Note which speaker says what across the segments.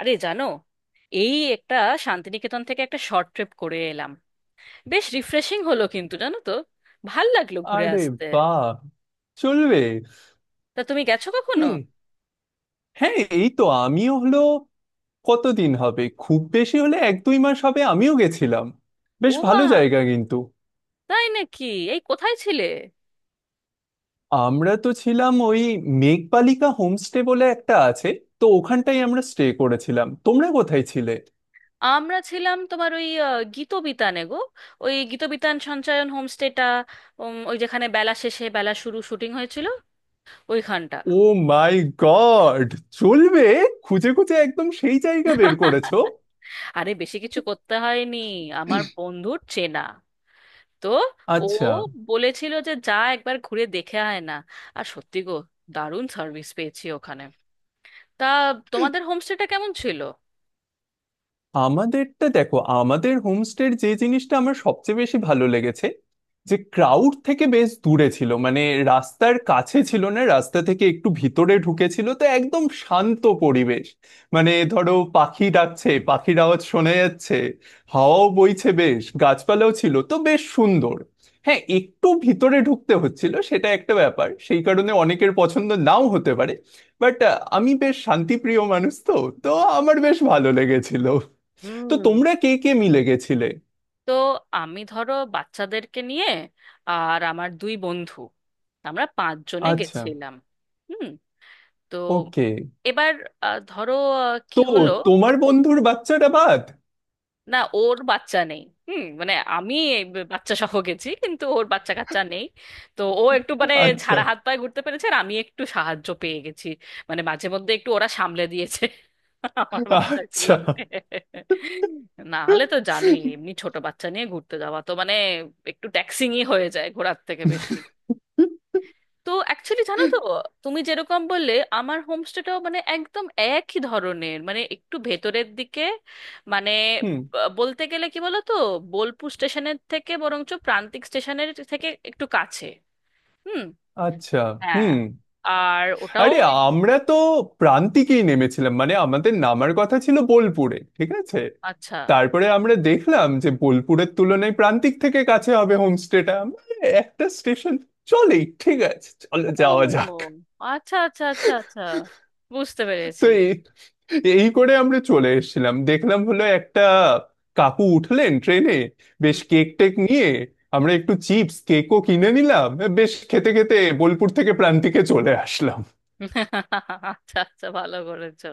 Speaker 1: আরে, জানো, এই একটা শান্তিনিকেতন থেকে একটা শর্ট ট্রিপ করে এলাম। বেশ রিফ্রেশিং হলো, কিন্তু জানো তো, ভাল লাগলো ঘুরে
Speaker 2: আরে,
Speaker 1: আসতে।
Speaker 2: বাহ! চলবে।
Speaker 1: তা তুমি গেছো কখনো?
Speaker 2: হুম, হ্যাঁ, এই তো আমিও হলো। কতদিন হবে, খুব বেশি হলে 1-2 মাস হবে, আমিও গেছিলাম।
Speaker 1: ও
Speaker 2: বেশ
Speaker 1: মা,
Speaker 2: ভালো জায়গা কিন্তু।
Speaker 1: তাই নাকি! এই, কোথায় ছিলে?
Speaker 2: আমরা তো ছিলাম ওই মেঘবালিকা হোমস্টে বলে একটা আছে, তো ওখানটাই আমরা স্টে করেছিলাম। তোমরা কোথায় ছিলে?
Speaker 1: আমরা ছিলাম তোমার ওই গীতবিতানে গো। ওই গীতবিতান সঞ্চায়ন হোমস্টেটা। ওই যেখানে বেলা শেষে বেলা শুরু শুটিং হয়েছিল, ওইখানটা।
Speaker 2: Oh my god! চলবে। খুঁজে খুঁজে একদম সেই জায়গা বের করেছো।
Speaker 1: আরে, বেশি কিছু করতে হয়নি, আমার বন্ধুর চেনা। তো ও
Speaker 2: আচ্ছা।
Speaker 1: বলেছিল যে যা একবার ঘুরে দেখে আয় না। আর সত্যি গো, দারুণ সার্ভিস পেয়েছি ওখানে। তা তোমাদের হোমস্টেটা কেমন ছিল?
Speaker 2: আমাদেরটা দেখো, আমাদের হোমস্টের যে জিনিসটা আমার সবচেয়ে বেশি ভালো লেগেছে, যে ক্রাউড থেকে বেশ দূরে ছিল, মানে রাস্তার কাছে ছিল না, রাস্তা থেকে একটু ভিতরে ঢুকেছিল, তো একদম শান্ত পরিবেশ। মানে ধরো পাখি ডাকছে, পাখির আওয়াজ শোনা যাচ্ছে, হাওয়াও বইছে বেশ, গাছপালাও ছিল, তো বেশ সুন্দর। হ্যাঁ একটু ভিতরে ঢুকতে হচ্ছিল সেটা একটা ব্যাপার, সেই কারণে অনেকের পছন্দ নাও হতে পারে, বাট আমি বেশ শান্তিপ্রিয় মানুষ, তো তো আমার বেশ ভালো লেগেছিল। তো
Speaker 1: হুম।
Speaker 2: তোমরা কে কে মিলে গেছিলে?
Speaker 1: তো আমি ধরো বাচ্চাদেরকে নিয়ে আর আমার দুই বন্ধু, আমরা পাঁচজনে
Speaker 2: আচ্ছা।
Speaker 1: গেছিলাম। হুম। তো
Speaker 2: ওকে।
Speaker 1: এবার ধরো, কি
Speaker 2: তো
Speaker 1: হলো,
Speaker 2: তোমার বন্ধুর বাচ্চাটা বাদ?
Speaker 1: না, ওর বাচ্চা নেই। হুম, মানে আমি এই বাচ্চা সহ গেছি, কিন্তু ওর বাচ্চা কাচ্চা নেই। তো ও একটু মানে
Speaker 2: আচ্ছা
Speaker 1: ঝাড়া হাত পায়ে ঘুরতে পেরেছে, আর আমি একটু সাহায্য পেয়ে গেছি। মানে মাঝে মধ্যে একটু ওরা সামলে দিয়েছে আমার
Speaker 2: আচ্ছা।
Speaker 1: বাচ্চাগুলোকে। না হলে তো জানোই, এমনি ছোট বাচ্চা নিয়ে ঘুরতে যাওয়া তো মানে একটু ট্যাক্সিংই হয়ে যায় ঘোরার থেকে বেশি। তো অ্যাকচুয়ালি জানো তো, তুমি যেরকম বললে, আমার হোমস্টেটাও মানে একদম একই ধরনের, মানে একটু ভেতরের দিকে। মানে
Speaker 2: হুম।
Speaker 1: আহ, বলতে গেলে কি বলো তো, বোলপুর স্টেশনের থেকে বরঞ্চ প্রান্তিক স্টেশনের থেকে একটু কাছে। হুম,
Speaker 2: আচ্ছা।
Speaker 1: হ্যাঁ।
Speaker 2: হুম।
Speaker 1: আর ওটাও
Speaker 2: আরে,
Speaker 1: ওই
Speaker 2: আমরা
Speaker 1: ভেতরের।
Speaker 2: তো প্রান্তিকেই নেমেছিলাম, মানে আমাদের নামার কথা ছিল বোলপুরে, ঠিক আছে?
Speaker 1: আচ্ছা,
Speaker 2: তারপরে আমরা দেখলাম যে বোলপুরের তুলনায় প্রান্তিক থেকে কাছে হবে হোমস্টেটা, আমরা একটা স্টেশন চলেই, ঠিক আছে চলো যাওয়া
Speaker 1: ও
Speaker 2: যাক।
Speaker 1: আচ্ছা আচ্ছা আচ্ছা আচ্ছা, বুঝতে পেরেছি।
Speaker 2: তো এই করে আমরা চলে এসেছিলাম, দেখলাম হলো একটা কাকু উঠলেন ট্রেনে, বেশ কেক টেক নিয়ে, আমরা একটু চিপস কেকও কিনে নিলাম, বেশ খেতে খেতে বোলপুর থেকে প্রান্তিকে চলে আসলাম।
Speaker 1: আচ্ছা আচ্ছা, ভালো করেছো।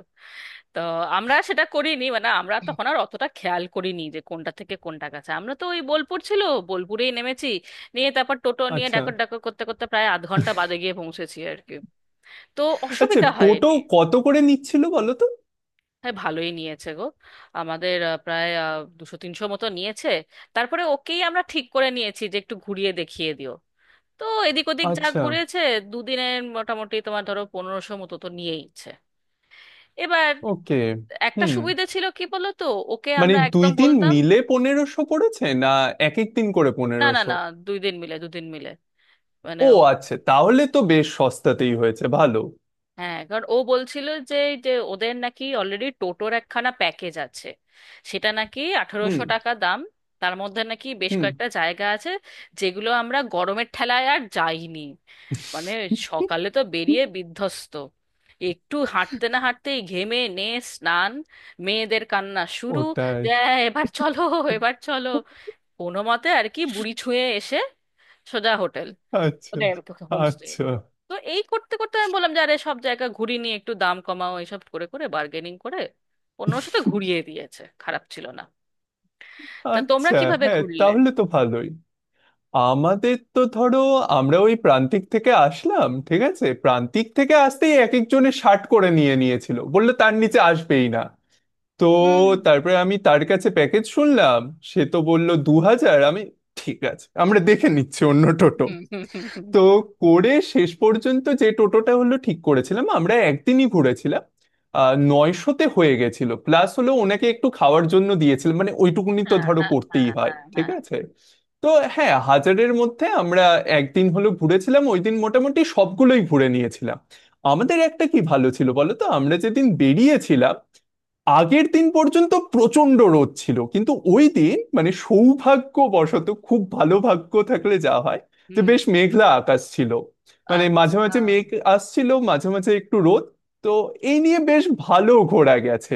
Speaker 1: তো আমরা সেটা করিনি, মানে আমরা তখন আর অতটা খেয়াল করিনি যে কোনটা থেকে কোনটা কাছে। আমরা তো ওই বোলপুর ছিল, বোলপুরেই নেমেছি, নিয়ে তারপর টোটো নিয়ে
Speaker 2: আচ্ছা।
Speaker 1: ডাকর ডাকর করতে করতে প্রায় আধ ঘন্টা বাদে গিয়ে পৌঁছেছি আর কি। তো
Speaker 2: আচ্ছা
Speaker 1: অসুবিধা
Speaker 2: টোটো
Speaker 1: হয়নি।
Speaker 2: কত করে নিচ্ছিল বলো তো?
Speaker 1: হ্যাঁ, ভালোই নিয়েছে গো। আমাদের প্রায় 200 300 মতো নিয়েছে। তারপরে ওকেই আমরা ঠিক করে নিয়েছি যে একটু ঘুরিয়ে দেখিয়ে দিও। তো এদিক ওদিক যা
Speaker 2: আচ্ছা।
Speaker 1: ঘুরেছে, দুদিনের মোটামুটি তোমার ধরো 1500 মতো তো নিয়েইছে। এবার
Speaker 2: ওকে।
Speaker 1: একটা
Speaker 2: হুম,
Speaker 1: সুবিধা ছিল কি বলতো, ওকে
Speaker 2: মানে
Speaker 1: আমরা
Speaker 2: দুই
Speaker 1: একদম
Speaker 2: দিন
Speaker 1: বলতাম।
Speaker 2: মিলে পনেরোশো পড়েছে, না এক এক দিন করে
Speaker 1: না না
Speaker 2: 1500?
Speaker 1: না, দুই দিন মিলে দুদিন মিলে, মানে
Speaker 2: ও
Speaker 1: ও।
Speaker 2: আচ্ছা, তাহলে তো বেশ সস্তাতেই হয়েছে, ভালো।
Speaker 1: হ্যাঁ, কারণ ও বলছিল যে, যে ওদের নাকি অলরেডি টোটোর একখানা প্যাকেজ আছে, সেটা নাকি
Speaker 2: হুম,
Speaker 1: 1800 টাকা দাম। তার মধ্যে নাকি বেশ
Speaker 2: হুম,
Speaker 1: কয়েকটা জায়গা আছে, যেগুলো আমরা গরমের ঠেলায় আর যাইনি। মানে
Speaker 2: হুম,
Speaker 1: সকালে তো
Speaker 2: হুম।
Speaker 1: বেরিয়ে বিধ্বস্ত, একটু হাঁটতে না হাঁটতেই ঘেমে নে স্নান, মেয়েদের কান্না শুরু
Speaker 2: ওটাই।
Speaker 1: যে, "এ, এবার চলো, এবার চলো।" কোনো মতে আর কি বুড়ি ছুঁয়ে এসে সোজা হোটেল,
Speaker 2: আচ্ছা
Speaker 1: মানে হোমস্টে।
Speaker 2: আচ্ছা
Speaker 1: তো এই করতে করতে আমি বললাম যে আরে সব জায়গা ঘুরি নিয়ে একটু দাম কমাও, এইসব করে করে বার্গেনিং করে 1500 তো ঘুরিয়ে দিয়েছে, খারাপ ছিল না। তা তোমরা
Speaker 2: আচ্ছা।
Speaker 1: কিভাবে
Speaker 2: হ্যাঁ
Speaker 1: ঘুরলে?
Speaker 2: তাহলে তো ভালোই। আমাদের তো ধরো, আমরা ওই প্রান্তিক থেকে আসলাম, ঠিক আছে? প্রান্তিক থেকে আসতেই এক একজনের শার্ট করে নিয়ে নিয়েছিল, বললো তার নিচে আসবেই না। তো
Speaker 1: হুম
Speaker 2: তারপরে আমি তার কাছে প্যাকেজ শুনলাম, সে তো বলল 2000। আমি, ঠিক আছে আমরা দেখে নিচ্ছি অন্য টোটো।
Speaker 1: হুম হুম হুম, হুম,
Speaker 2: তো
Speaker 1: হুম।
Speaker 2: করে শেষ পর্যন্ত যে টোটোটা হলো ঠিক করেছিলাম, আমরা একদিনই ঘুরেছিলাম, 900-তে হয়ে গেছিল। প্লাস হলো ওনাকে একটু খাওয়ার জন্য দিয়েছিলাম, মানে ওইটুকুনি তো
Speaker 1: হ্যাঁ
Speaker 2: ধরো
Speaker 1: হ্যাঁ
Speaker 2: করতেই
Speaker 1: হ্যাঁ
Speaker 2: হয়,
Speaker 1: হ্যাঁ
Speaker 2: ঠিক
Speaker 1: হ্যাঁ।
Speaker 2: আছে। তো হ্যাঁ, 1000-এর মধ্যে আমরা একদিন হলো ঘুরেছিলাম, ওই দিন মোটামুটি সবগুলোই ঘুরে নিয়েছিলাম। আমাদের একটা কি ভালো ছিল বলো তো, আমরা যেদিন বেরিয়েছিলাম আগের দিন পর্যন্ত প্রচন্ড রোদ ছিল, কিন্তু ওই দিন মানে সৌভাগ্যবশত খুব ভালো ভাগ্য থাকলে যা হয়, যে
Speaker 1: হুম।
Speaker 2: বেশ মেঘলা আকাশ ছিল, মানে মাঝে
Speaker 1: আচ্ছা
Speaker 2: মাঝে মেঘ আসছিল মাঝে মাঝে একটু রোদ, তো এই নিয়ে বেশ ভালো ঘোরা গেছে।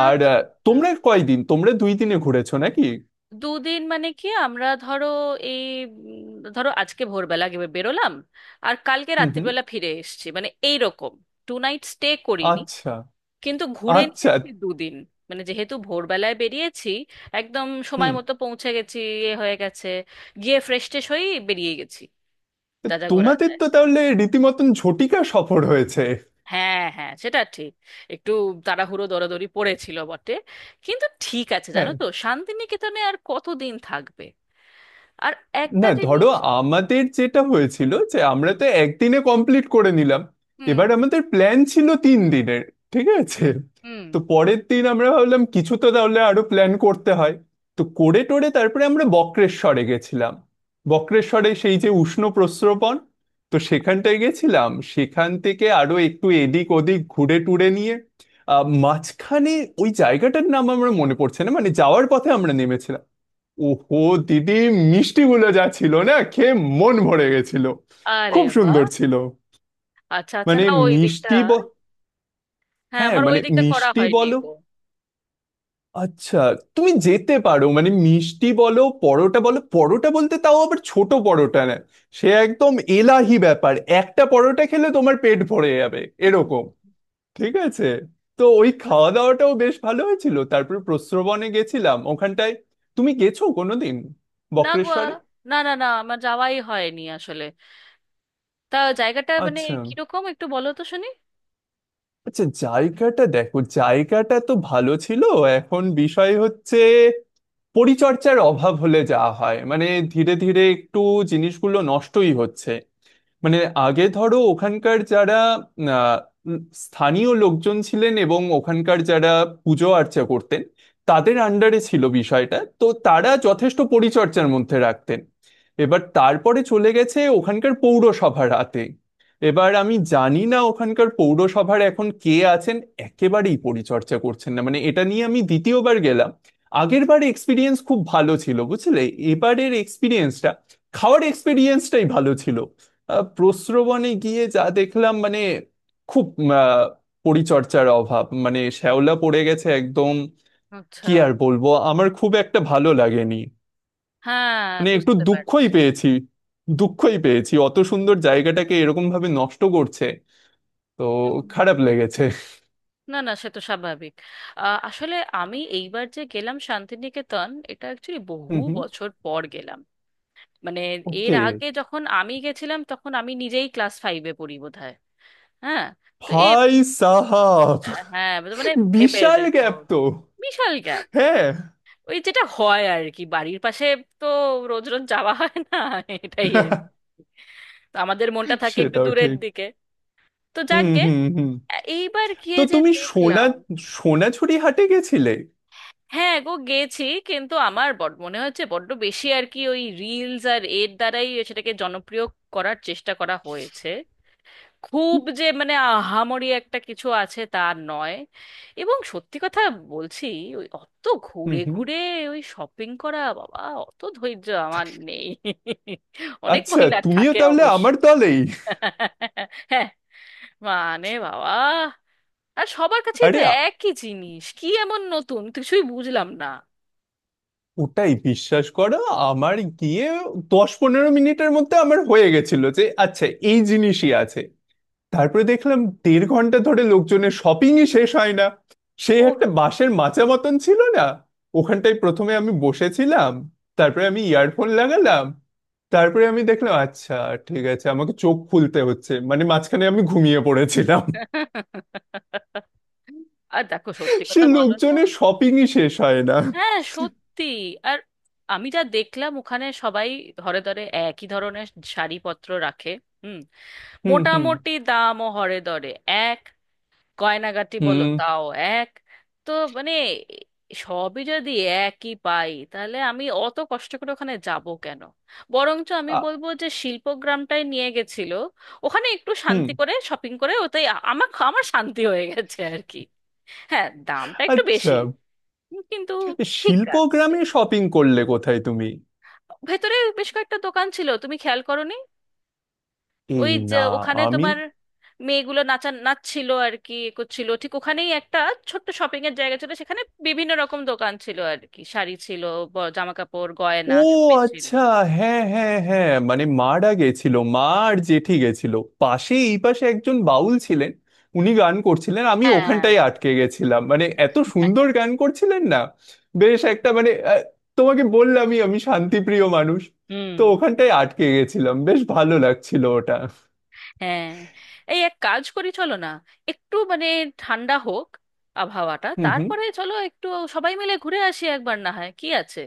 Speaker 2: আর
Speaker 1: আচ্ছা আচ্ছা।
Speaker 2: তোমরা কয়দিন, তোমরা 2 দিনে ঘুরেছো নাকি?
Speaker 1: দুদিন মানে কি, আমরা ধরো এই, উম, ধরো আজকে ভোরবেলা বেরোলাম, আর কালকে
Speaker 2: হুম হুম।
Speaker 1: রাত্রিবেলা ফিরে এসেছি, মানে এই রকম। টু নাইট স্টে করিনি,
Speaker 2: আচ্ছা
Speaker 1: কিন্তু ঘুরে
Speaker 2: আচ্ছা।
Speaker 1: নিয়েছি দুদিন। মানে যেহেতু ভোরবেলায় বেরিয়েছি, একদম সময়
Speaker 2: হুম।
Speaker 1: মতো পৌঁছে গেছি, এ হয়ে গেছে, গিয়ে ফ্রেশ ট্রেশ হয়েই বেরিয়ে গেছি,
Speaker 2: তো
Speaker 1: যা যা ঘোরা
Speaker 2: তোমাদের
Speaker 1: যায়।
Speaker 2: তো তাহলে রীতিমতন ঝটিকা সফর হয়েছে।
Speaker 1: হ্যাঁ হ্যাঁ, সেটা ঠিক, একটু তাড়াহুড়ো দরাদরি পড়েছিল বটে, কিন্তু ঠিক আছে, জানো
Speaker 2: হ্যাঁ।
Speaker 1: তো শান্তিনিকেতনে আর কতদিন থাকবে। আর একটা
Speaker 2: না ধরো,
Speaker 1: জিনিস।
Speaker 2: আমাদের যেটা হয়েছিল যে আমরা তো একদিনে কমপ্লিট করে নিলাম,
Speaker 1: হুম
Speaker 2: এবার আমাদের প্ল্যান ছিল 3 দিনের, ঠিক আছে?
Speaker 1: হুম।
Speaker 2: তো পরের দিন আমরা ভাবলাম কিছু তো তাহলে আরো প্ল্যান করতে হয়, তো করে টোরে তারপরে আমরা বক্রেশ্বরে গেছিলাম। বক্রেশ্বরে সেই যে উষ্ণ প্রস্রবণ, তো সেখানটায় গেছিলাম, সেখান থেকে আরো একটু এদিক ওদিক ঘুরে টুরে নিয়ে, মাঝখানে ওই জায়গাটার নাম আমার মনে পড়ছে না, মানে যাওয়ার পথে আমরা নেমেছিলাম, ওহো দিদি, মিষ্টিগুলো যা ছিল না, খেয়ে মন ভরে গেছিল,
Speaker 1: আরে
Speaker 2: খুব
Speaker 1: বা!
Speaker 2: সুন্দর ছিল।
Speaker 1: আচ্ছা আচ্ছা,
Speaker 2: মানে
Speaker 1: না ওই দিকটা,
Speaker 2: মিষ্টি
Speaker 1: হ্যাঁ
Speaker 2: হ্যাঁ
Speaker 1: আমার ওই
Speaker 2: মানে
Speaker 1: দিকটা করা
Speaker 2: মিষ্টি
Speaker 1: হয়নি
Speaker 2: বলো।
Speaker 1: গো।
Speaker 2: আচ্ছা। তুমি যেতে পারো, মানে মিষ্টি বলো, পরোটা বলো, পরোটা বলতে তাও আবার ছোট পরোটা না, সে একদম এলাহি ব্যাপার, একটা পরোটা খেলে তোমার পেট ভরে যাবে এরকম, ঠিক আছে? তো ওই খাওয়া দাওয়াটাও বেশ ভালো হয়েছিল, তারপর প্রস্রবনে গেছিলাম ওখানটায়। তুমি গেছো কোনোদিন
Speaker 1: না গো,
Speaker 2: বক্রেশ্বরে?
Speaker 1: না না না, আমার যাওয়াই হয়নি আসলে। তা জায়গাটা মানে
Speaker 2: আচ্ছা।
Speaker 1: কিরকম, একটু বলো তো শুনি।
Speaker 2: আচ্ছা জায়গাটা দেখো, জায়গাটা তো ভালো ছিল, এখন বিষয় হচ্ছে পরিচর্যার অভাব হলে যা হয় মানে, ধীরে ধীরে একটু জিনিসগুলো নষ্টই হচ্ছে। মানে আগে ধরো
Speaker 1: হুম,
Speaker 2: ওখানকার যারা আহ, উম, স্থানীয় লোকজন ছিলেন, এবং ওখানকার যারা পুজো আর্চা করতেন, তাদের আন্ডারে ছিল বিষয়টা, তো তারা যথেষ্ট পরিচর্যার মধ্যে রাখতেন। এবার তারপরে চলে গেছে ওখানকার পৌরসভা রাতে, এবার আমি
Speaker 1: হুম।
Speaker 2: জানি না ওখানকার পৌরসভার এখন কে আছেন, একেবারেই পরিচর্যা করছেন না, মানে এটা নিয়ে আমি দ্বিতীয়বার গেলাম, আগের বার এক্সপিরিয়েন্স খুব ভালো ছিল বুঝলে, এবারের এক্সপিরিয়েন্সটা, খাওয়ার এক্সপিরিয়েন্সটাই ভালো ছিল। প্রস্রবণে গিয়ে যা দেখলাম মানে, খুব আহ, পরিচর্যার অভাব, মানে শ্যাওলা পড়ে গেছে একদম।
Speaker 1: আচ্ছা।
Speaker 2: কি আর বলবো, আমার খুব একটা ভালো লাগেনি,
Speaker 1: হ্যাঁ,
Speaker 2: মানে একটু
Speaker 1: বুঝতে
Speaker 2: দুঃখই
Speaker 1: পারছি।
Speaker 2: পেয়েছি, দুঃখই পেয়েছি অত সুন্দর জায়গাটাকে এরকম ভাবে নষ্ট করছে, তো
Speaker 1: হুম।
Speaker 2: খারাপ লেগেছে।
Speaker 1: না না, সে তো স্বাভাবিক। আসলে আমি এইবার যে গেলাম শান্তিনিকেতন, এটা অ্যাকচুয়ালি বহু
Speaker 2: হুম হুম।
Speaker 1: বছর পর গেলাম। মানে এর
Speaker 2: ওকে।
Speaker 1: আগে যখন আমি গেছিলাম তখন আমি নিজেই ক্লাস ফাইভে পড়ি বোধহয়। হ্যাঁ, তো এ,
Speaker 2: ভাই সাহাব,
Speaker 1: হ্যাঁ, মানে মানে ভেবে
Speaker 2: বিশাল
Speaker 1: দেখো,
Speaker 2: গ্যাপ তো।
Speaker 1: বিশাল গ্যাপ।
Speaker 2: হ্যাঁ।
Speaker 1: ওই যেটা হয় আর কি, বাড়ির পাশে, তো রোজ রোজ যাওয়া হয় না, এটাই আর কি। তো আমাদের মনটা থাকে একটু
Speaker 2: সেটাও
Speaker 1: দূরের
Speaker 2: ঠিক।
Speaker 1: দিকে। তো
Speaker 2: হুম
Speaker 1: যাকগে,
Speaker 2: হুম হুম।
Speaker 1: এইবার গিয়ে
Speaker 2: তো
Speaker 1: যে
Speaker 2: তুমি সোনা,
Speaker 1: দেখলাম,
Speaker 2: সোনাঝুরি হাটে গেছিলে?
Speaker 1: হ্যাঁ গো গেছি, কিন্তু আমার বড মনে হচ্ছে বড্ড বেশি আর কি ওই রিলস আর এর দ্বারাই সেটাকে জনপ্রিয় করার চেষ্টা করা হয়েছে। খুব যে মানে আহামরি একটা কিছু আছে তা নয়। এবং সত্যি কথা বলছি, ওই অত
Speaker 2: হুম
Speaker 1: ঘুরে
Speaker 2: হুম।
Speaker 1: ঘুরে ওই শপিং করা বাবা, অত ধৈর্য আমার নেই। অনেক
Speaker 2: আচ্ছা
Speaker 1: মহিলা
Speaker 2: তুমিও
Speaker 1: থাকে
Speaker 2: তাহলে
Speaker 1: অবশ্য।
Speaker 2: আমার দলেই।
Speaker 1: হ্যাঁ, মানে বাবা, আর সবার কাছেই তো
Speaker 2: আরে
Speaker 1: একই জিনিস, কি এমন নতুন কিছুই বুঝলাম না।
Speaker 2: ওটাই বিশ্বাস করো। আমার গিয়ে 10-15 মিনিটের মধ্যে আমার হয়ে গেছিল যে আচ্ছা, এই জিনিসই আছে। তারপরে দেখলাম দেড় ঘন্টা ধরে লোকজনের শপিংই শেষ হয় না। সে
Speaker 1: ও,
Speaker 2: একটা বাঁশের মাচা মতন ছিল না, ওখানটায় প্রথমে আমি বসেছিলাম, তারপরে আমি ইয়ারফোন লাগালাম, তারপরে আমি দেখলাম আচ্ছা ঠিক আছে, আমাকে চোখ খুলতে হচ্ছে, মানে মাঝখানে আমি ঘুমিয়ে পড়েছিলাম,
Speaker 1: আর দেখো, সত্যি
Speaker 2: সে
Speaker 1: কথা বলো তো।
Speaker 2: লোকজনের শপিংই শেষ হয় না।
Speaker 1: হ্যাঁ সত্যি। আর আমি যা দেখলাম ওখানে সবাই ধরে ধরে একই ধরনের শাড়িপত্র রাখে। হুম।
Speaker 2: হুম হুম
Speaker 1: মোটামুটি দামও হরে ধরে এক, গয়নাগাটি বলো
Speaker 2: হুম,
Speaker 1: তাও এক। তো মানে সবই যদি একই পাই, তাহলে আমি অত কষ্ট করে ওখানে যাব কেন। বরঞ্চ আমি
Speaker 2: আ,
Speaker 1: বলবো যে শিল্পগ্রামটাই নিয়ে গেছিল, ওখানে একটু
Speaker 2: হুম।
Speaker 1: শান্তি করে শপিং করে ওটাই আমার আমার শান্তি হয়ে গেছে আর কি। হ্যাঁ দামটা একটু
Speaker 2: আচ্ছা।
Speaker 1: বেশি, কিন্তু ঠিক
Speaker 2: শিল্প
Speaker 1: আছে।
Speaker 2: গ্রামে শপিং করলে কোথায় তুমি?
Speaker 1: ভেতরে বেশ কয়েকটা দোকান ছিল, তুমি খেয়াল করোনি?
Speaker 2: এই
Speaker 1: ওই যে
Speaker 2: না,
Speaker 1: ওখানে
Speaker 2: আমি।
Speaker 1: তোমার মেয়েগুলো নাচা নাচছিল আর কি করছিল, ঠিক ওখানেই একটা ছোট্ট শপিং এর জায়গা ছিল, সেখানে বিভিন্ন রকম দোকান ছিল আর কি, শাড়ি ছিল, জামা কাপড় গয়না
Speaker 2: ও
Speaker 1: সবই ছিল।
Speaker 2: আচ্ছা। হ্যাঁ হ্যাঁ হ্যাঁ, মানে মারা গেছিল মা আর জেঠি গেছিল। পাশে, এই পাশে একজন বাউল ছিলেন, উনি গান করছিলেন, আমি
Speaker 1: হ্যাঁ।
Speaker 2: ওখানটায় আটকে গেছিলাম, মানে এত সুন্দর গান করছিলেন না, বেশ একটা মানে তোমাকে বললামই আমি শান্তিপ্রিয় মানুষ,
Speaker 1: হুম।
Speaker 2: তো ওখানটায় আটকে গেছিলাম, বেশ ভালো লাগছিল ওটা।
Speaker 1: হ্যাঁ, এই এক কাজ করি, চলো না, একটু মানে ঠান্ডা হোক আবহাওয়াটা,
Speaker 2: হুম হুম।
Speaker 1: তারপরে চলো একটু সবাই মিলে ঘুরে আসি একবার, না হয় কি আছে।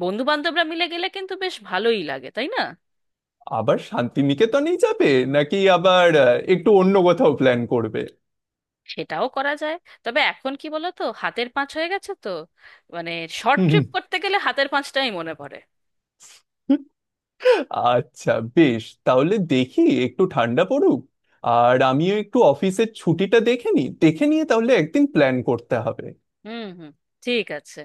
Speaker 1: বন্ধু বান্ধবরা মিলে গেলে কিন্তু বেশ ভালোই লাগে, তাই না?
Speaker 2: আবার শান্তিনিকেতনেই যাবে, নাকি আবার একটু অন্য কোথাও প্ল্যান করবে?
Speaker 1: সেটাও করা যায়। তবে এখন কি বলো তো, হাতের পাঁচ হয়ে গেছে তো, মানে শর্ট
Speaker 2: হুম।
Speaker 1: ট্রিপ করতে গেলে হাতের পাঁচটাই মনে পড়ে।
Speaker 2: আচ্ছা বেশ, তাহলে দেখি একটু ঠান্ডা পড়ুক, আর আমিও একটু অফিসের ছুটিটা দেখে নিই, দেখে নিয়ে তাহলে একদিন প্ল্যান করতে হবে।
Speaker 1: হুম হুম, ঠিক আছে।